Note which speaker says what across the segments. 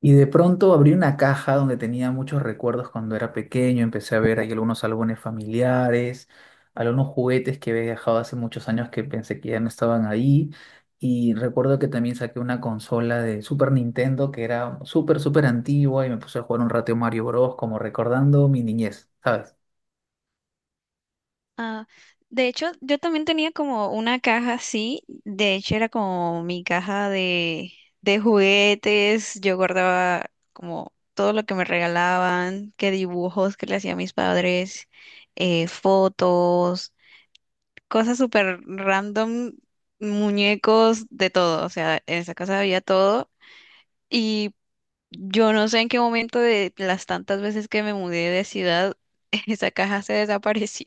Speaker 1: Y de pronto abrí una caja donde tenía muchos recuerdos cuando era pequeño, empecé a ver ahí algunos álbumes familiares, algunos juguetes que había dejado hace muchos años que pensé que ya no estaban ahí. Y recuerdo que también saqué una consola de Super Nintendo que era súper antigua y me puse a jugar un rato Mario Bros. Como recordando mi niñez, ¿sabes?
Speaker 2: Ah, de hecho, yo también tenía como una caja así, de hecho era como mi caja de juguetes, yo guardaba como todo lo que me regalaban, que dibujos que le hacía mis padres, fotos, cosas súper random, muñecos, de todo, o sea, en esa casa había todo y yo no sé en qué momento de las tantas veces que me mudé de ciudad, esa caja se desapareció.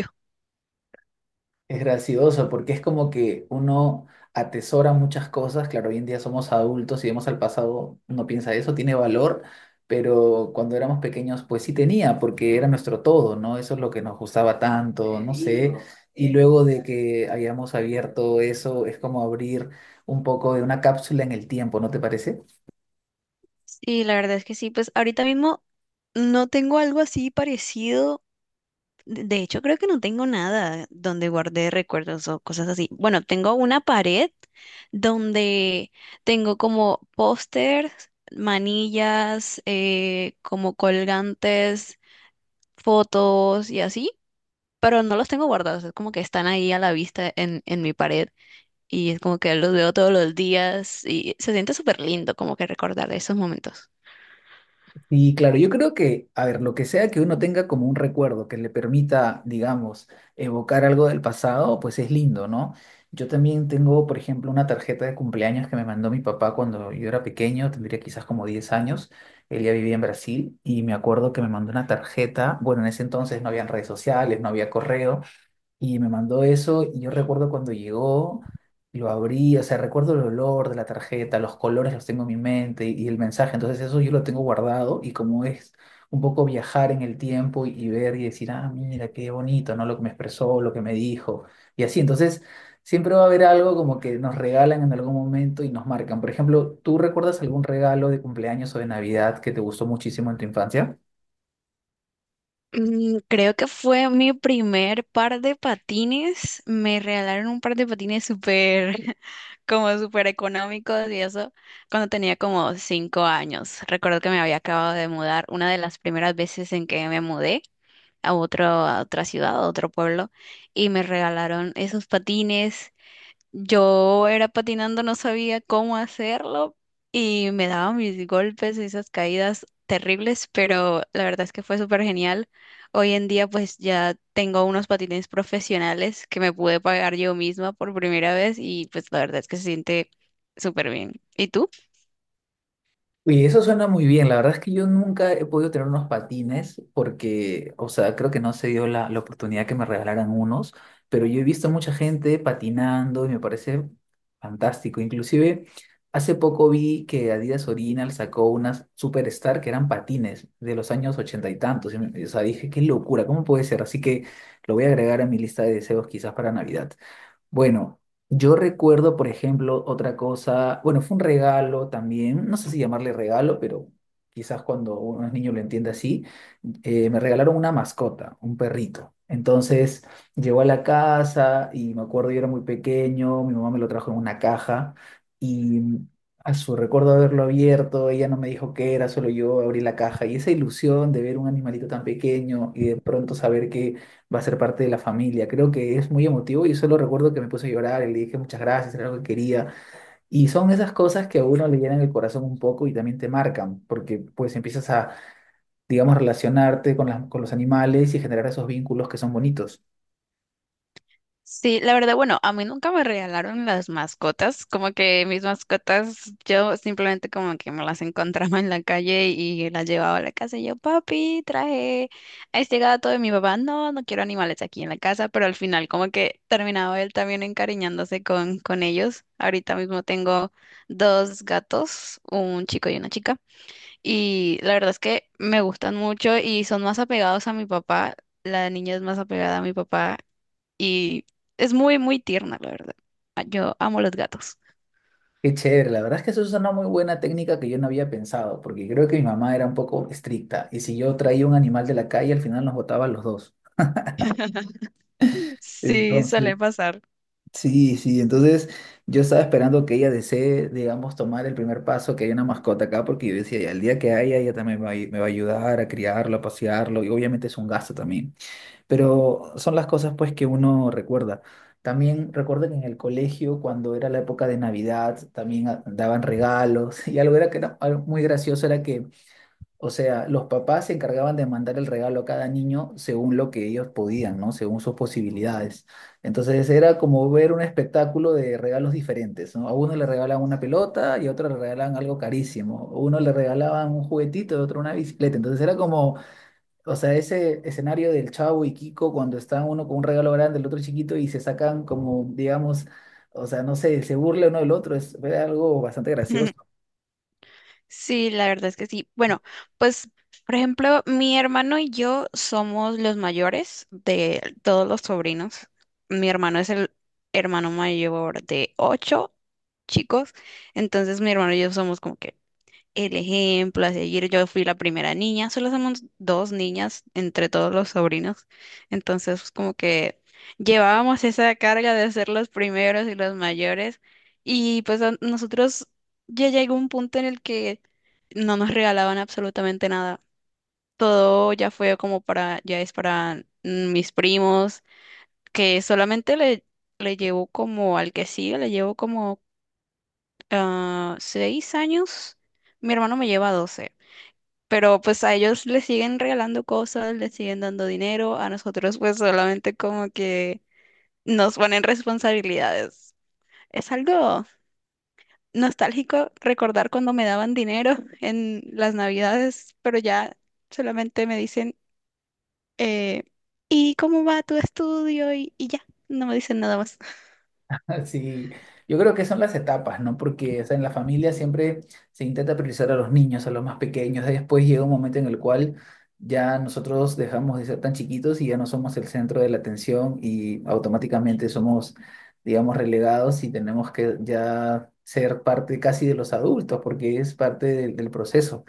Speaker 1: Es gracioso porque es como que uno atesora muchas cosas. Claro, hoy en día somos adultos y vemos al pasado, uno piensa eso, tiene valor, pero cuando éramos pequeños, pues sí tenía, porque era nuestro todo, ¿no? Eso es lo que nos gustaba tanto, no sé. Y luego de que hayamos abierto eso, es como abrir un poco de una cápsula en el tiempo, ¿no te parece?
Speaker 2: Sí, la verdad es que sí. Pues ahorita mismo no tengo algo así parecido. De hecho, creo que no tengo nada donde guardé recuerdos o cosas así. Bueno, tengo una pared donde tengo como pósters, manillas, como colgantes, fotos y así, pero no los tengo guardados. Es como que están ahí a la vista en mi pared y es como que los veo todos los días y se siente súper lindo como que recordar esos momentos.
Speaker 1: Y claro, yo creo que, a ver, lo que sea que uno tenga como un recuerdo que le permita, digamos, evocar algo del pasado, pues es lindo, ¿no? Yo también tengo, por ejemplo, una tarjeta de cumpleaños que me mandó mi papá cuando yo era pequeño, tendría quizás como 10 años. Él ya vivía en Brasil y me acuerdo que me mandó una tarjeta, bueno, en ese entonces no habían redes sociales, no había correo, y me mandó eso y yo recuerdo cuando llegó, lo abrí, o sea, recuerdo el olor de la tarjeta, los colores los tengo en mi mente y el mensaje, entonces eso yo lo tengo guardado y como es un poco viajar en el tiempo y ver y decir, ah, mira, qué bonito, ¿no? Lo que me expresó, lo que me dijo y así, entonces siempre va a haber algo como que nos regalan en algún momento y nos marcan. Por ejemplo, ¿tú recuerdas algún regalo de cumpleaños o de Navidad que te gustó muchísimo en tu infancia?
Speaker 2: Creo que fue mi primer par de patines. Me regalaron un par de patines súper, como súper económicos y eso cuando tenía como 5 años. Recuerdo que me había acabado de mudar, una de las primeras veces en que me mudé. A otra ciudad, a otro pueblo, y me regalaron esos patines, yo era patinando, no sabía cómo hacerlo y me daba mis golpes y esas caídas terribles, pero la verdad es que fue súper genial. Hoy en día pues ya tengo unos patines profesionales que me pude pagar yo misma por primera vez y pues la verdad es que se siente súper bien. ¿Y tú?
Speaker 1: Uy, eso suena muy bien. La verdad es que yo nunca he podido tener unos patines porque, o sea, creo que no se dio la oportunidad que me regalaran unos, pero yo he visto mucha gente patinando y me parece fantástico. Inclusive, hace poco vi que Adidas Original sacó unas Superstar que eran patines de los años ochenta y tantos. O sea, dije, qué locura, ¿cómo puede ser? Así que lo voy a agregar a mi lista de deseos quizás para Navidad. Bueno, yo recuerdo, por ejemplo, otra cosa, bueno, fue un regalo también, no sé si llamarle regalo, pero quizás cuando uno es niño lo entiende así, me regalaron una mascota, un perrito. Entonces llegó a la casa y me acuerdo, yo era muy pequeño, mi mamá me lo trajo en una caja y a su recuerdo haberlo abierto, ella no me dijo qué era, solo yo abrí la caja y esa ilusión de ver un animalito tan pequeño y de pronto saber que va a ser parte de la familia. Creo que es muy emotivo y solo recuerdo que me puse a llorar y le dije muchas gracias, era algo que quería. Y son esas cosas que a uno le llenan el corazón un poco y también te marcan, porque pues empiezas a, digamos, relacionarte con con los animales y generar esos vínculos que son bonitos.
Speaker 2: Sí, la verdad, bueno, a mí nunca me regalaron las mascotas, como que mis mascotas, yo simplemente como que me las encontraba en la calle y las llevaba a la casa y yo, papi, traje a este gato de mi papá, no, no quiero animales aquí en la casa, pero al final como que terminaba él también encariñándose con ellos. Ahorita mismo tengo dos gatos, un chico y una chica, y la verdad es que me gustan mucho y son más apegados a mi papá. La niña es más apegada a mi papá y es muy, muy tierna, la verdad. Ah, yo amo los gatos.
Speaker 1: Qué chévere, la verdad es que eso es una muy buena técnica que yo no había pensado, porque creo que mi mamá era un poco estricta y si yo traía un animal de la calle, al final nos botaba a los dos.
Speaker 2: Sí,
Speaker 1: Entonces,
Speaker 2: suele pasar.
Speaker 1: sí, sí, entonces yo estaba esperando que ella desee, digamos, tomar el primer paso, que haya una mascota acá, porque yo decía, ya el día que haya, ella también me va a ayudar a criarlo, a pasearlo, y obviamente es un gasto también, pero son las cosas pues que uno recuerda. También recuerdo que en el colegio, cuando era la época de Navidad, también daban regalos, y algo muy gracioso era que, o sea, los papás se encargaban de mandar el regalo a cada niño según lo que ellos podían, ¿no? Según sus posibilidades. Entonces era como ver un espectáculo de regalos diferentes, ¿no? A uno le regalaban una pelota y a otro le regalaban algo carísimo. A uno le regalaban un juguetito, a otro una bicicleta. Entonces era como, o sea, ese escenario del Chavo y Kiko cuando está uno con un regalo grande, el otro chiquito y se sacan como, digamos, o sea, no sé, se burla uno del otro. Fue algo bastante gracioso.
Speaker 2: Sí, la verdad es que sí. Bueno, pues, por ejemplo, mi hermano y yo somos los mayores de todos los sobrinos. Mi hermano es el hermano mayor de ocho chicos. Entonces, mi hermano y yo somos como que el ejemplo a seguir. Yo fui la primera niña, solo somos dos niñas entre todos los sobrinos. Entonces, pues, como que llevábamos esa carga de ser los primeros y los mayores. Y pues a nosotros ya llegó un punto en el que no nos regalaban absolutamente nada. Todo ya fue como para, ya es para mis primos, que solamente le llevo como al que sigue, le llevo como 6 años. Mi hermano me lleva 12. Pero pues a ellos les siguen regalando cosas, les siguen dando dinero, a nosotros pues solamente como que nos ponen responsabilidades. Es algo nostálgico recordar cuando me daban dinero en las navidades, pero ya solamente me dicen, eh, ¿y cómo va tu estudio? Y ya, no me dicen nada más.
Speaker 1: Sí, yo creo que son las etapas, ¿no? Porque, o sea, en la familia siempre se intenta priorizar a los niños, a los más pequeños. Después llega un momento en el cual ya nosotros dejamos de ser tan chiquitos y ya no somos el centro de la atención y automáticamente somos, digamos, relegados y tenemos que ya ser parte casi de los adultos porque es parte del proceso.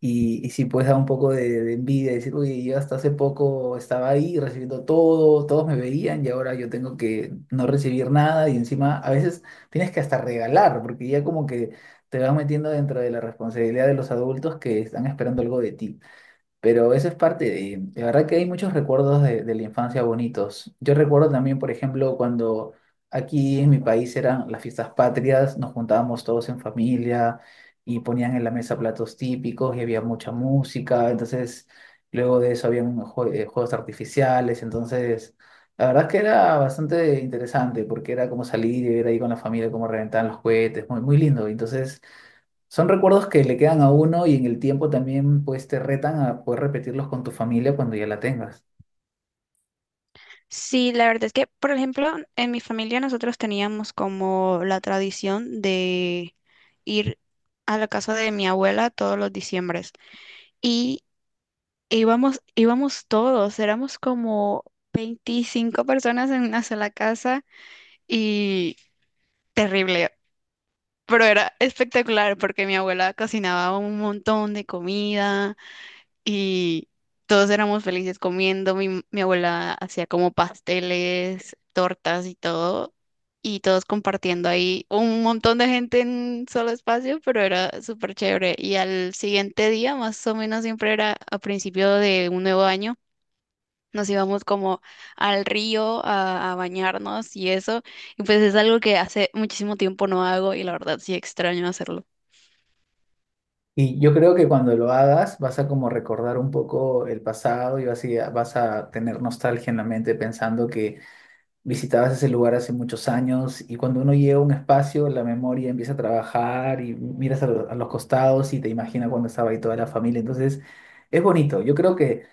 Speaker 1: Y sí, pues da un poco de envidia, decir, uy, yo hasta hace poco estaba ahí recibiendo todo, todos me veían y ahora yo tengo que no recibir nada y encima a veces tienes que hasta regalar, porque ya como que te vas metiendo dentro de la responsabilidad de los adultos que están esperando algo de ti. Pero eso es parte de verdad que hay muchos recuerdos de la infancia bonitos. Yo recuerdo también, por ejemplo, cuando aquí en mi país eran las fiestas patrias, nos juntábamos todos en familia y ponían en la mesa platos típicos y había mucha música. Entonces, luego de eso habían juegos artificiales. Entonces, la verdad es que era bastante interesante porque era como salir y ver ahí con la familia cómo reventaban los cohetes, muy, muy lindo. Entonces... Son recuerdos que le quedan a uno y en el tiempo también pues te retan a poder repetirlos con tu familia cuando ya la tengas.
Speaker 2: Sí, la verdad es que, por ejemplo, en mi familia nosotros teníamos como la tradición de ir a la casa de mi abuela todos los diciembre. Y íbamos todos, éramos como 25 personas en una sola casa y terrible, pero era espectacular porque mi abuela cocinaba un montón de comida y todos éramos felices comiendo, mi abuela hacía como pasteles, tortas y todo. Y todos compartiendo ahí un montón de gente en un solo espacio, pero era súper chévere. Y al siguiente día, más o menos siempre era a principio de un nuevo año, nos íbamos como al río a bañarnos y eso. Y pues es algo que hace muchísimo tiempo no hago y la verdad sí extraño hacerlo.
Speaker 1: Y yo creo que cuando lo hagas vas a como recordar un poco el pasado y vas a tener nostalgia en la mente pensando que visitabas ese lugar hace muchos años y cuando uno llega a un espacio la memoria empieza a trabajar y miras a los costados y te imaginas cuando estaba ahí toda la familia. Entonces es bonito. Yo creo que...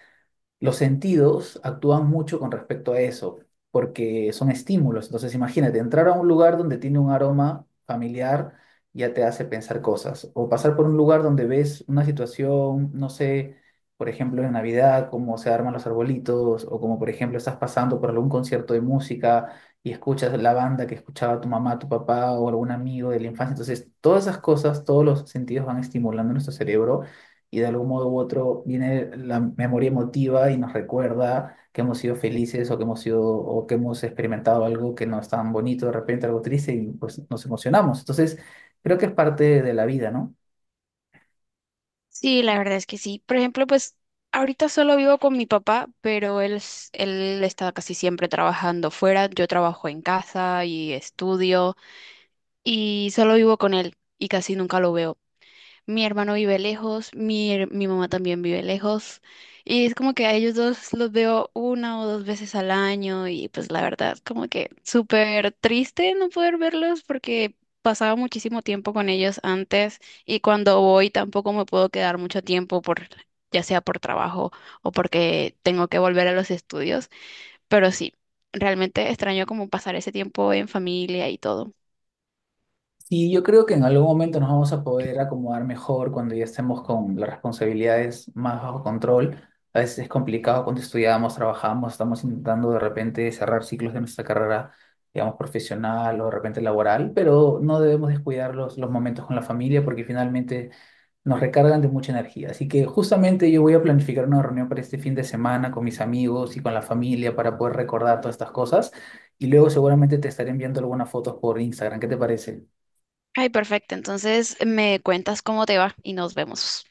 Speaker 1: Los sentidos actúan mucho con respecto a eso, porque son estímulos. Entonces, imagínate, entrar a un lugar donde tiene un aroma familiar ya te hace pensar cosas, o pasar por un lugar donde ves una situación, no sé, por ejemplo, en Navidad, cómo se arman los arbolitos, o como por ejemplo estás pasando por algún concierto de música y escuchas la banda que escuchaba tu mamá, tu papá o algún amigo de la infancia. Entonces, todas esas cosas, todos los sentidos van estimulando nuestro cerebro y de algún modo u otro viene la memoria emotiva y nos recuerda que hemos sido felices o que hemos experimentado algo que no es tan bonito, de repente algo triste y pues nos emocionamos. Entonces, creo que es parte de la vida, ¿no?
Speaker 2: Sí, la verdad es que sí. Por ejemplo, pues ahorita solo vivo con mi papá, pero él está casi siempre trabajando fuera. Yo trabajo en casa y estudio y solo vivo con él y casi nunca lo veo. Mi hermano vive lejos, mi mamá también vive lejos. Y es como que a ellos dos los veo una o dos veces al año y pues la verdad, como que súper triste no poder verlos porque pasaba muchísimo tiempo con ellos antes y cuando voy tampoco me puedo quedar mucho tiempo por, ya sea por trabajo o porque tengo que volver a los estudios. Pero sí, realmente extraño como pasar ese tiempo en familia y todo.
Speaker 1: Y yo creo que en algún momento nos vamos a poder acomodar mejor cuando ya estemos con las responsabilidades más bajo control. A veces es complicado cuando estudiamos, trabajamos, estamos intentando de repente cerrar ciclos de nuestra carrera, digamos, profesional o de repente laboral, pero no debemos descuidar los momentos con la familia porque finalmente nos recargan de mucha energía. Así que justamente yo voy a planificar una reunión para este fin de semana con mis amigos y con la familia para poder recordar todas estas cosas y luego seguramente te estaré enviando algunas fotos por Instagram. ¿Qué te parece?
Speaker 2: Ay, perfecto. Entonces me cuentas cómo te va y nos vemos.